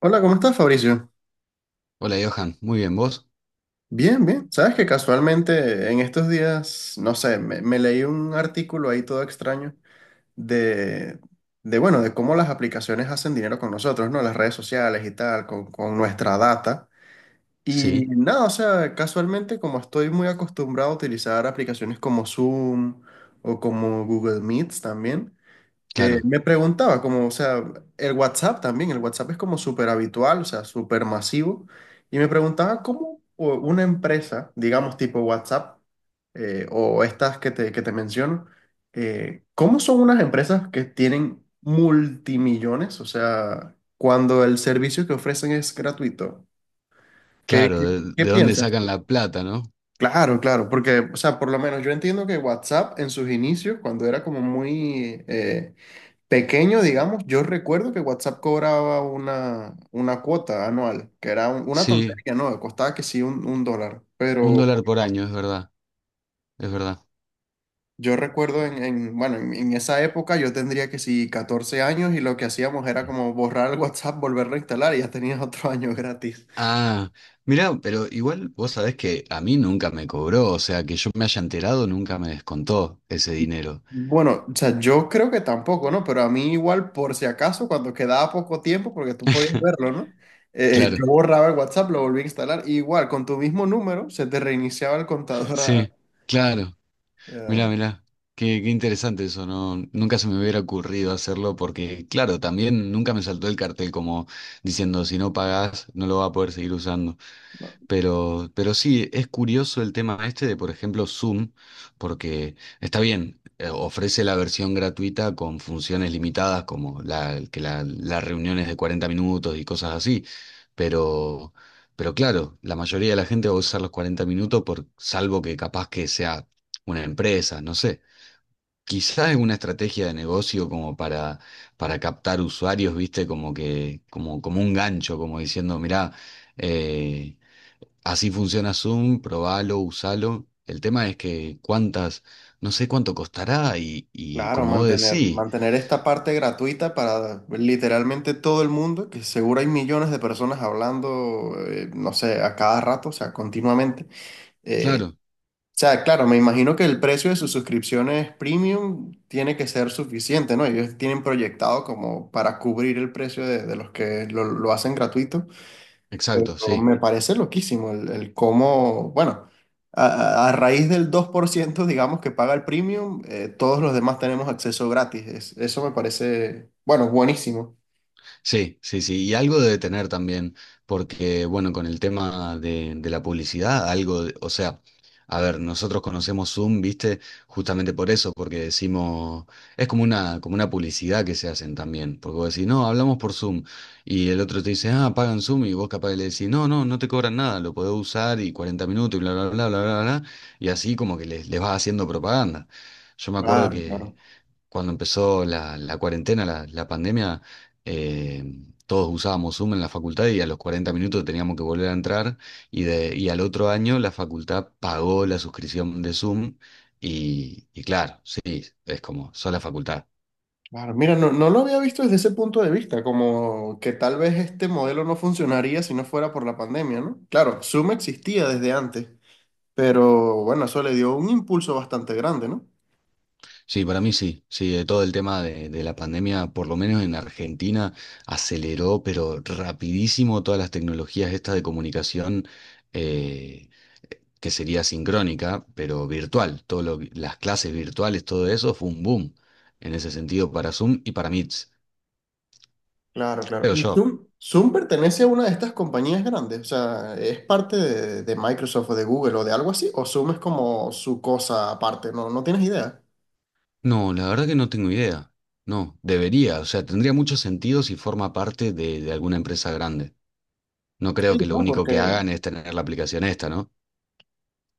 Hola, ¿cómo estás, Fabricio? Hola Johan, muy bien, ¿vos? Bien, bien. Sabes que casualmente en estos días, no sé, me leí un artículo ahí todo extraño de, bueno, de cómo las aplicaciones hacen dinero con nosotros, ¿no? Las redes sociales y tal, con nuestra data. Y Sí, nada, o sea, casualmente como estoy muy acostumbrado a utilizar aplicaciones como Zoom o como Google Meets también. Claro, Me preguntaba, como, o sea, el WhatsApp también, el WhatsApp es como súper habitual, o sea, súper masivo, y me preguntaba cómo una empresa, digamos tipo WhatsApp, o estas que te menciono, ¿cómo son unas empresas que tienen multimillones? O sea, cuando el servicio que ofrecen es gratuito. ¿Qué, claro, qué, de, qué de dónde piensas sacan tú? la plata, ¿no? Claro, claro, porque, o sea, por lo menos yo entiendo que WhatsApp en sus inicios, cuando era como muy pequeño, digamos, yo recuerdo que WhatsApp cobraba una cuota anual, que era una Sí, tontería, ¿no? Costaba que sí un dólar, un pero dólar por bueno, año, es verdad, es verdad. yo recuerdo bueno, en esa época yo tendría que sí 14 años y lo que hacíamos era como borrar el WhatsApp, volverlo a instalar y ya tenías otro año gratis. Ah, mirá, pero igual vos sabés que a mí nunca me cobró, o sea, que yo me haya enterado nunca me descontó ese dinero. Bueno, o sea, yo creo que tampoco, ¿no? Pero a mí igual, por si acaso, cuando quedaba poco tiempo, porque tú podías verlo, ¿no? Claro, Yo borraba el WhatsApp, lo volví a instalar, y igual, con tu mismo número, se te reiniciaba el contador sí, claro, Eh, mirá, qué interesante eso, ¿no? Nunca se me hubiera ocurrido hacerlo porque, claro, también nunca me saltó el cartel como diciendo, si no pagás, no lo vas a poder seguir usando. Pero sí, es curioso el tema este de, por ejemplo, Zoom, porque está bien, ofrece la versión gratuita con funciones limitadas, como las reuniones de 40 minutos y cosas así, pero, pero claro, la mayoría de la gente va a usar los 40 minutos por, salvo que capaz que sea una empresa, no sé. Quizás es una estrategia de negocio como para captar usuarios, ¿viste? Como que, como, como un gancho, como diciendo, mirá, eh, así funciona Zoom, probalo, usalo. El tema es que cuántas, no sé cuánto costará y claro, como vos decís, mantener esta parte gratuita para literalmente todo el mundo, que seguro hay millones de personas hablando, no sé, a cada rato, o sea, continuamente. Eh, claro, o sea, claro, me imagino que el precio de sus suscripciones premium tiene que ser suficiente, ¿no? Ellos tienen proyectado como para cubrir el precio de los que lo hacen gratuito. exacto, Pero sí. me parece loquísimo el cómo, bueno, a raíz del 2% digamos, que paga el premium, todos los demás tenemos acceso gratis. Eso me parece, bueno, buenísimo. Sí, sí, sí, y algo debe tener también, porque bueno, con el tema de la publicidad, algo, de- o sea, a ver, nosotros conocemos Zoom, ¿viste? Justamente por eso, porque decimos, es como una publicidad que se hacen también, porque vos decís, no, hablamos por Zoom, y el otro te dice, ah, pagan Zoom, y vos capaz le decís, no, no, no te cobran nada, lo podés usar y 40 minutos y bla, bla, bla, bla, bla, bla, y así como que les vas haciendo propaganda. Yo me acuerdo Claro, claro. cuando empezó la cuarentena, la pandemia, eh, todos usábamos Zoom en la facultad y a los 40 minutos teníamos que volver a entrar y, de, y al otro año la facultad pagó la suscripción de Zoom y claro, sí, es como, sola facultad. Claro, mira, no, no lo había visto desde ese punto de vista, como que tal vez este modelo no funcionaría si no fuera por la pandemia, ¿no? Claro, Zoom existía desde antes, pero bueno, eso le dio un impulso bastante grande, ¿no? Sí, para mí sí, sí, de todo el tema de la pandemia, por lo menos en Argentina, aceleró, pero rapidísimo todas las tecnologías estas de comunicación. eh, que sería sincrónica, pero virtual. Todo lo que- las clases virtuales, todo eso fue un boom en ese sentido para Zoom y para Meets, Claro, claro. creo ¿Y yo. Zoom pertenece a una de estas compañías grandes? O sea, ¿es parte de Microsoft o de Google o de algo así? ¿O Zoom es como su cosa aparte? No, no tienes idea. No, la verdad que no tengo idea. No, debería, o sea, tendría mucho sentido si forma parte de alguna empresa grande. No creo Sí, que lo ¿no? único que Porque hagan es tener la aplicación esta, ¿no?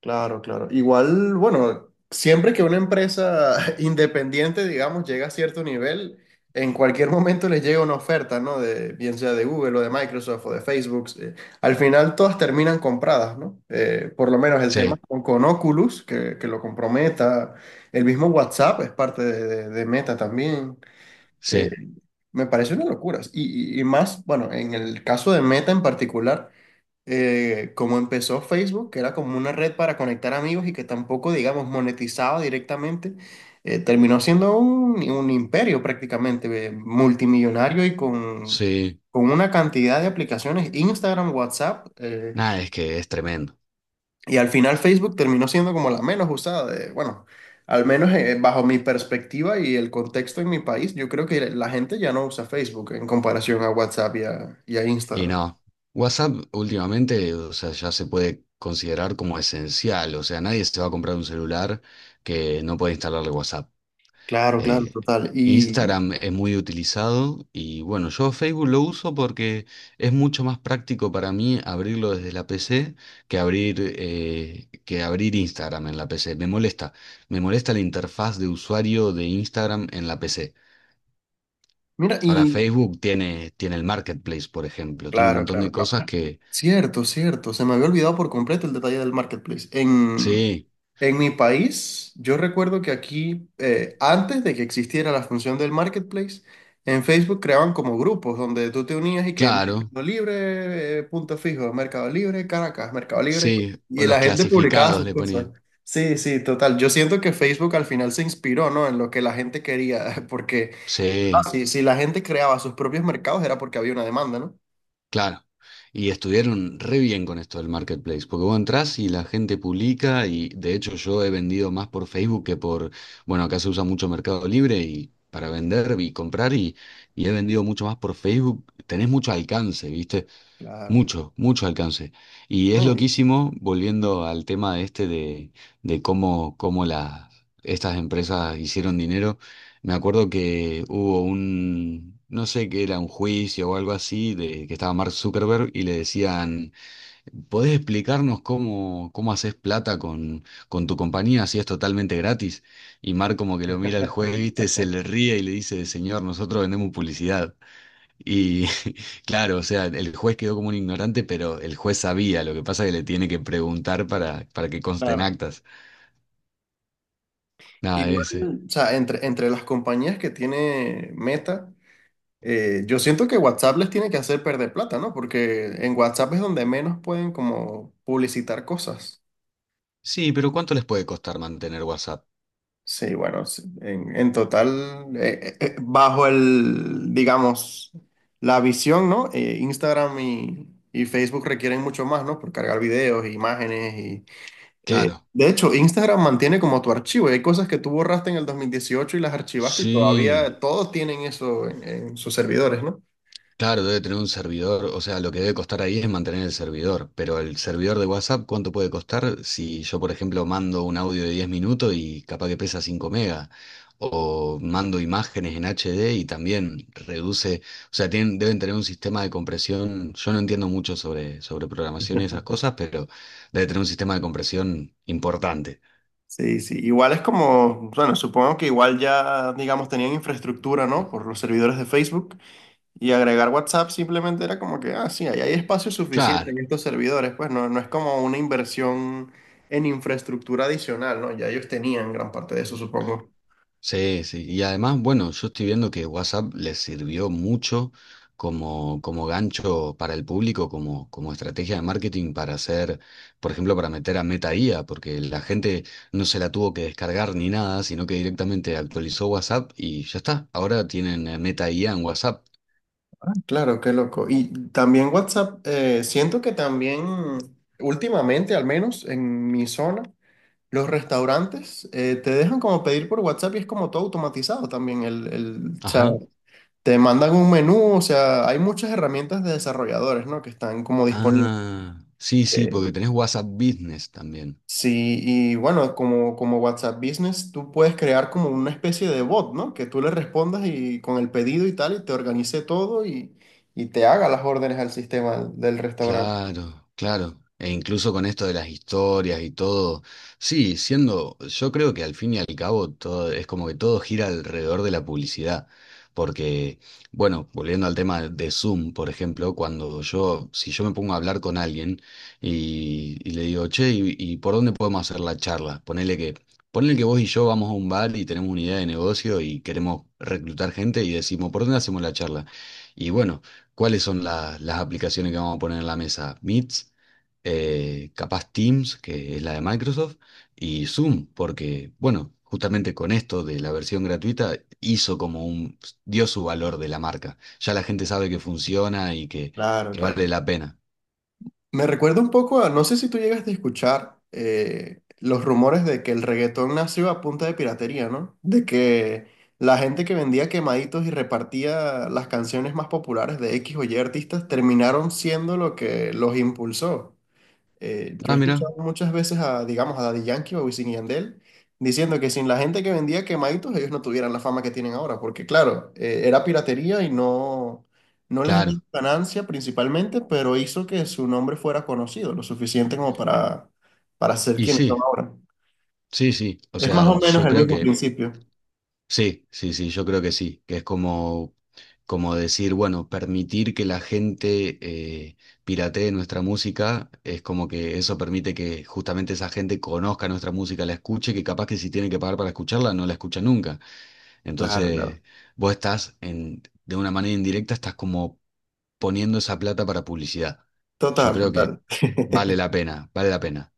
claro, claro. Igual, bueno, siempre que una empresa independiente, digamos, llega a cierto nivel, en cualquier momento les llega una oferta, ¿no? De, bien sea de Google o de Microsoft o de Facebook. Al final todas terminan compradas, ¿no? Por lo menos el tema Sí, con Oculus, que lo comprometa. El mismo WhatsApp es parte de Meta también. Eh, sí, Me parece una locura. Y más, bueno, en el caso de Meta en particular, como empezó Facebook, que era como una red para conectar amigos y que tampoco, digamos, monetizaba directamente, terminó siendo un imperio prácticamente, multimillonario y sí. con una cantidad de aplicaciones, Instagram, WhatsApp, Nada, es que es tremendo. y al final Facebook terminó siendo como la menos usada, de, bueno, al menos bajo mi perspectiva y el contexto en mi país, yo creo que la gente ya no usa Facebook en comparación a WhatsApp y y a Y Instagram. no, WhatsApp últimamente, o sea, ya se puede considerar como esencial, o sea, nadie se va a comprar un celular que no puede instalarle WhatsApp. Claro, claro, Eh, total. Y Instagram es muy utilizado y bueno, yo Facebook lo uso porque es mucho más práctico para mí abrirlo desde la PC que abrir Instagram en la PC. Me molesta la interfaz de usuario de Instagram en la PC. mira, Ahora, y Facebook tiene, tiene el Marketplace, por ejemplo, tiene un claro, montón claro. de No. cosas que Cierto, cierto. Se me había olvidado por completo el detalle del marketplace. Sí, En mi país, yo recuerdo que aquí, antes de que existiera la función del marketplace, en Facebook creaban como grupos donde tú te unías y que claro, Mercado Libre, Punto Fijo, Mercado Libre, Caracas, Mercado Libre, sí, o y los la gente publicaba clasificados sus le cosas. ponían. Sí, sí, total. Yo siento que Facebook al final se inspiró, ¿no? En lo que la gente quería, porque ah, Sí, sí, si la gente creaba sus propios mercados era porque había una demanda, ¿no? claro. Y estuvieron re bien con esto del marketplace, porque vos entrás y la gente publica y de hecho yo he vendido más por Facebook que por, bueno, acá se usa mucho Mercado Libre y para vender y comprar y he vendido mucho más por Facebook, tenés mucho alcance, ¿viste? Claro. Mucho, mucho alcance. Y es Sí, loquísimo, volviendo al tema de este de cómo, cómo las, estas empresas hicieron dinero. Me acuerdo que hubo un, no sé qué era, un juicio o algo así, de que estaba Mark Zuckerberg y le decían, ¿podés explicarnos cómo, cómo haces plata con tu compañía si es totalmente gratis? Y Mark como que lo mira al juez, viste, se le ríe y le dice, señor, nosotros vendemos publicidad. Y claro, o sea, el juez quedó como un ignorante, pero el juez sabía, lo que pasa es que le tiene que preguntar para que consten claro. actas. Nada, Igual, ese. o sea, entre las compañías que tiene Meta, yo siento que WhatsApp les tiene que hacer perder plata, ¿no? Porque en WhatsApp es donde menos pueden como publicitar cosas. Sí, pero ¿cuánto les puede costar mantener WhatsApp? Sí, bueno, sí, en total, bajo el, digamos, la visión, ¿no? Instagram y Facebook requieren mucho más, ¿no? Por cargar videos, imágenes. Claro. De hecho, Instagram mantiene como tu archivo. Y hay cosas que tú borraste en el 2018 y las archivaste y Sí. todavía todos tienen eso en sus servidores, ¿no? Claro, debe tener un servidor, o sea, lo que debe costar ahí es mantener el servidor, pero el servidor de WhatsApp, ¿cuánto puede costar si yo, por ejemplo, mando un audio de 10 minutos y capaz que pesa 5 megas? O mando imágenes en HD y también reduce, o sea, tienen, deben tener un sistema de compresión, yo no entiendo mucho sobre, sobre programación y esas cosas, pero debe tener un sistema de compresión importante. Sí, sí. Igual es como, bueno, supongo que igual ya, digamos, tenían infraestructura, ¿no? Por los servidores de Facebook. Y agregar WhatsApp simplemente era como que, ah, sí, ahí hay espacio suficiente Claro. en estos servidores. Pues no, no es como una inversión en infraestructura adicional, ¿no? Ya ellos tenían gran parte de eso, supongo. Sí, sí. Y además, bueno, yo estoy viendo que WhatsApp les sirvió mucho como, como gancho para el público, como, como estrategia de marketing para hacer, por ejemplo, para meter a Meta IA, porque la gente no se la tuvo que descargar ni nada, sino que directamente actualizó WhatsApp y ya está. Ahora tienen Meta IA en WhatsApp. Claro, qué loco. Y también WhatsApp, siento que también últimamente, al menos en mi zona, los restaurantes te dejan como pedir por WhatsApp y es como todo automatizado también. O sea, Ajá. te mandan un menú, o sea, hay muchas herramientas de desarrolladores, ¿no? Que están como disponibles. Ah, sí, sí, Eh, porque tenés WhatsApp Business también. sí, y bueno, como WhatsApp Business, tú puedes crear como una especie de bot, ¿no? Que tú le respondas y con el pedido y tal, y te organice todo y te haga las órdenes al sistema del restaurante. Claro, claro. E incluso con esto de las historias y todo, sí, siendo, yo creo que al fin y al cabo todo, es como que todo gira alrededor de la publicidad. Porque, bueno, volviendo al tema de Zoom, por ejemplo, cuando yo, si yo me pongo a hablar con alguien y le digo, che, ¿y por dónde podemos hacer la charla? Ponele que vos y yo vamos a un bar y tenemos una idea de negocio y queremos reclutar gente y decimos, ¿por dónde hacemos la charla? Y bueno. ¿Cuáles son la- las aplicaciones que vamos a poner en la mesa? Meets, capaz Teams, que es la de Microsoft, y Zoom, porque, bueno, justamente con esto de la versión gratuita hizo como un, dio su valor de la marca. Ya la gente sabe que funciona y Claro, que claro. vale la pena. Me recuerda un poco a, no sé si tú llegaste a escuchar los rumores de que el reggaetón nació a punta de piratería, ¿no? De que la gente que vendía quemaditos y repartía las canciones más populares de X o Y artistas terminaron siendo lo que los impulsó. Yo he Ah, mira, escuchado muchas veces a, digamos, a Daddy Yankee o a Wisin y Yandel diciendo que sin la gente que vendía quemaditos ellos no tuvieran la fama que tienen ahora, porque claro, era piratería y no, no les claro. dio ganancia principalmente, pero hizo que su nombre fuera conocido lo suficiente como para ser Y quienes son sí, ahora. sí, sí. O Es más sea, o menos yo el creo mismo que principio. sí, sí, sí, yo creo que sí, que es como, como decir, bueno, permitir que la gente eh, piratee nuestra música, es como que eso permite que justamente esa gente conozca nuestra música, la escuche, que capaz que si tiene que pagar para escucharla, no la escucha nunca. Claro, claro. Entonces, vos estás en, de una manera indirecta, estás como poniendo esa plata para publicidad. Yo Total, creo que total. vale la pena, vale la pena.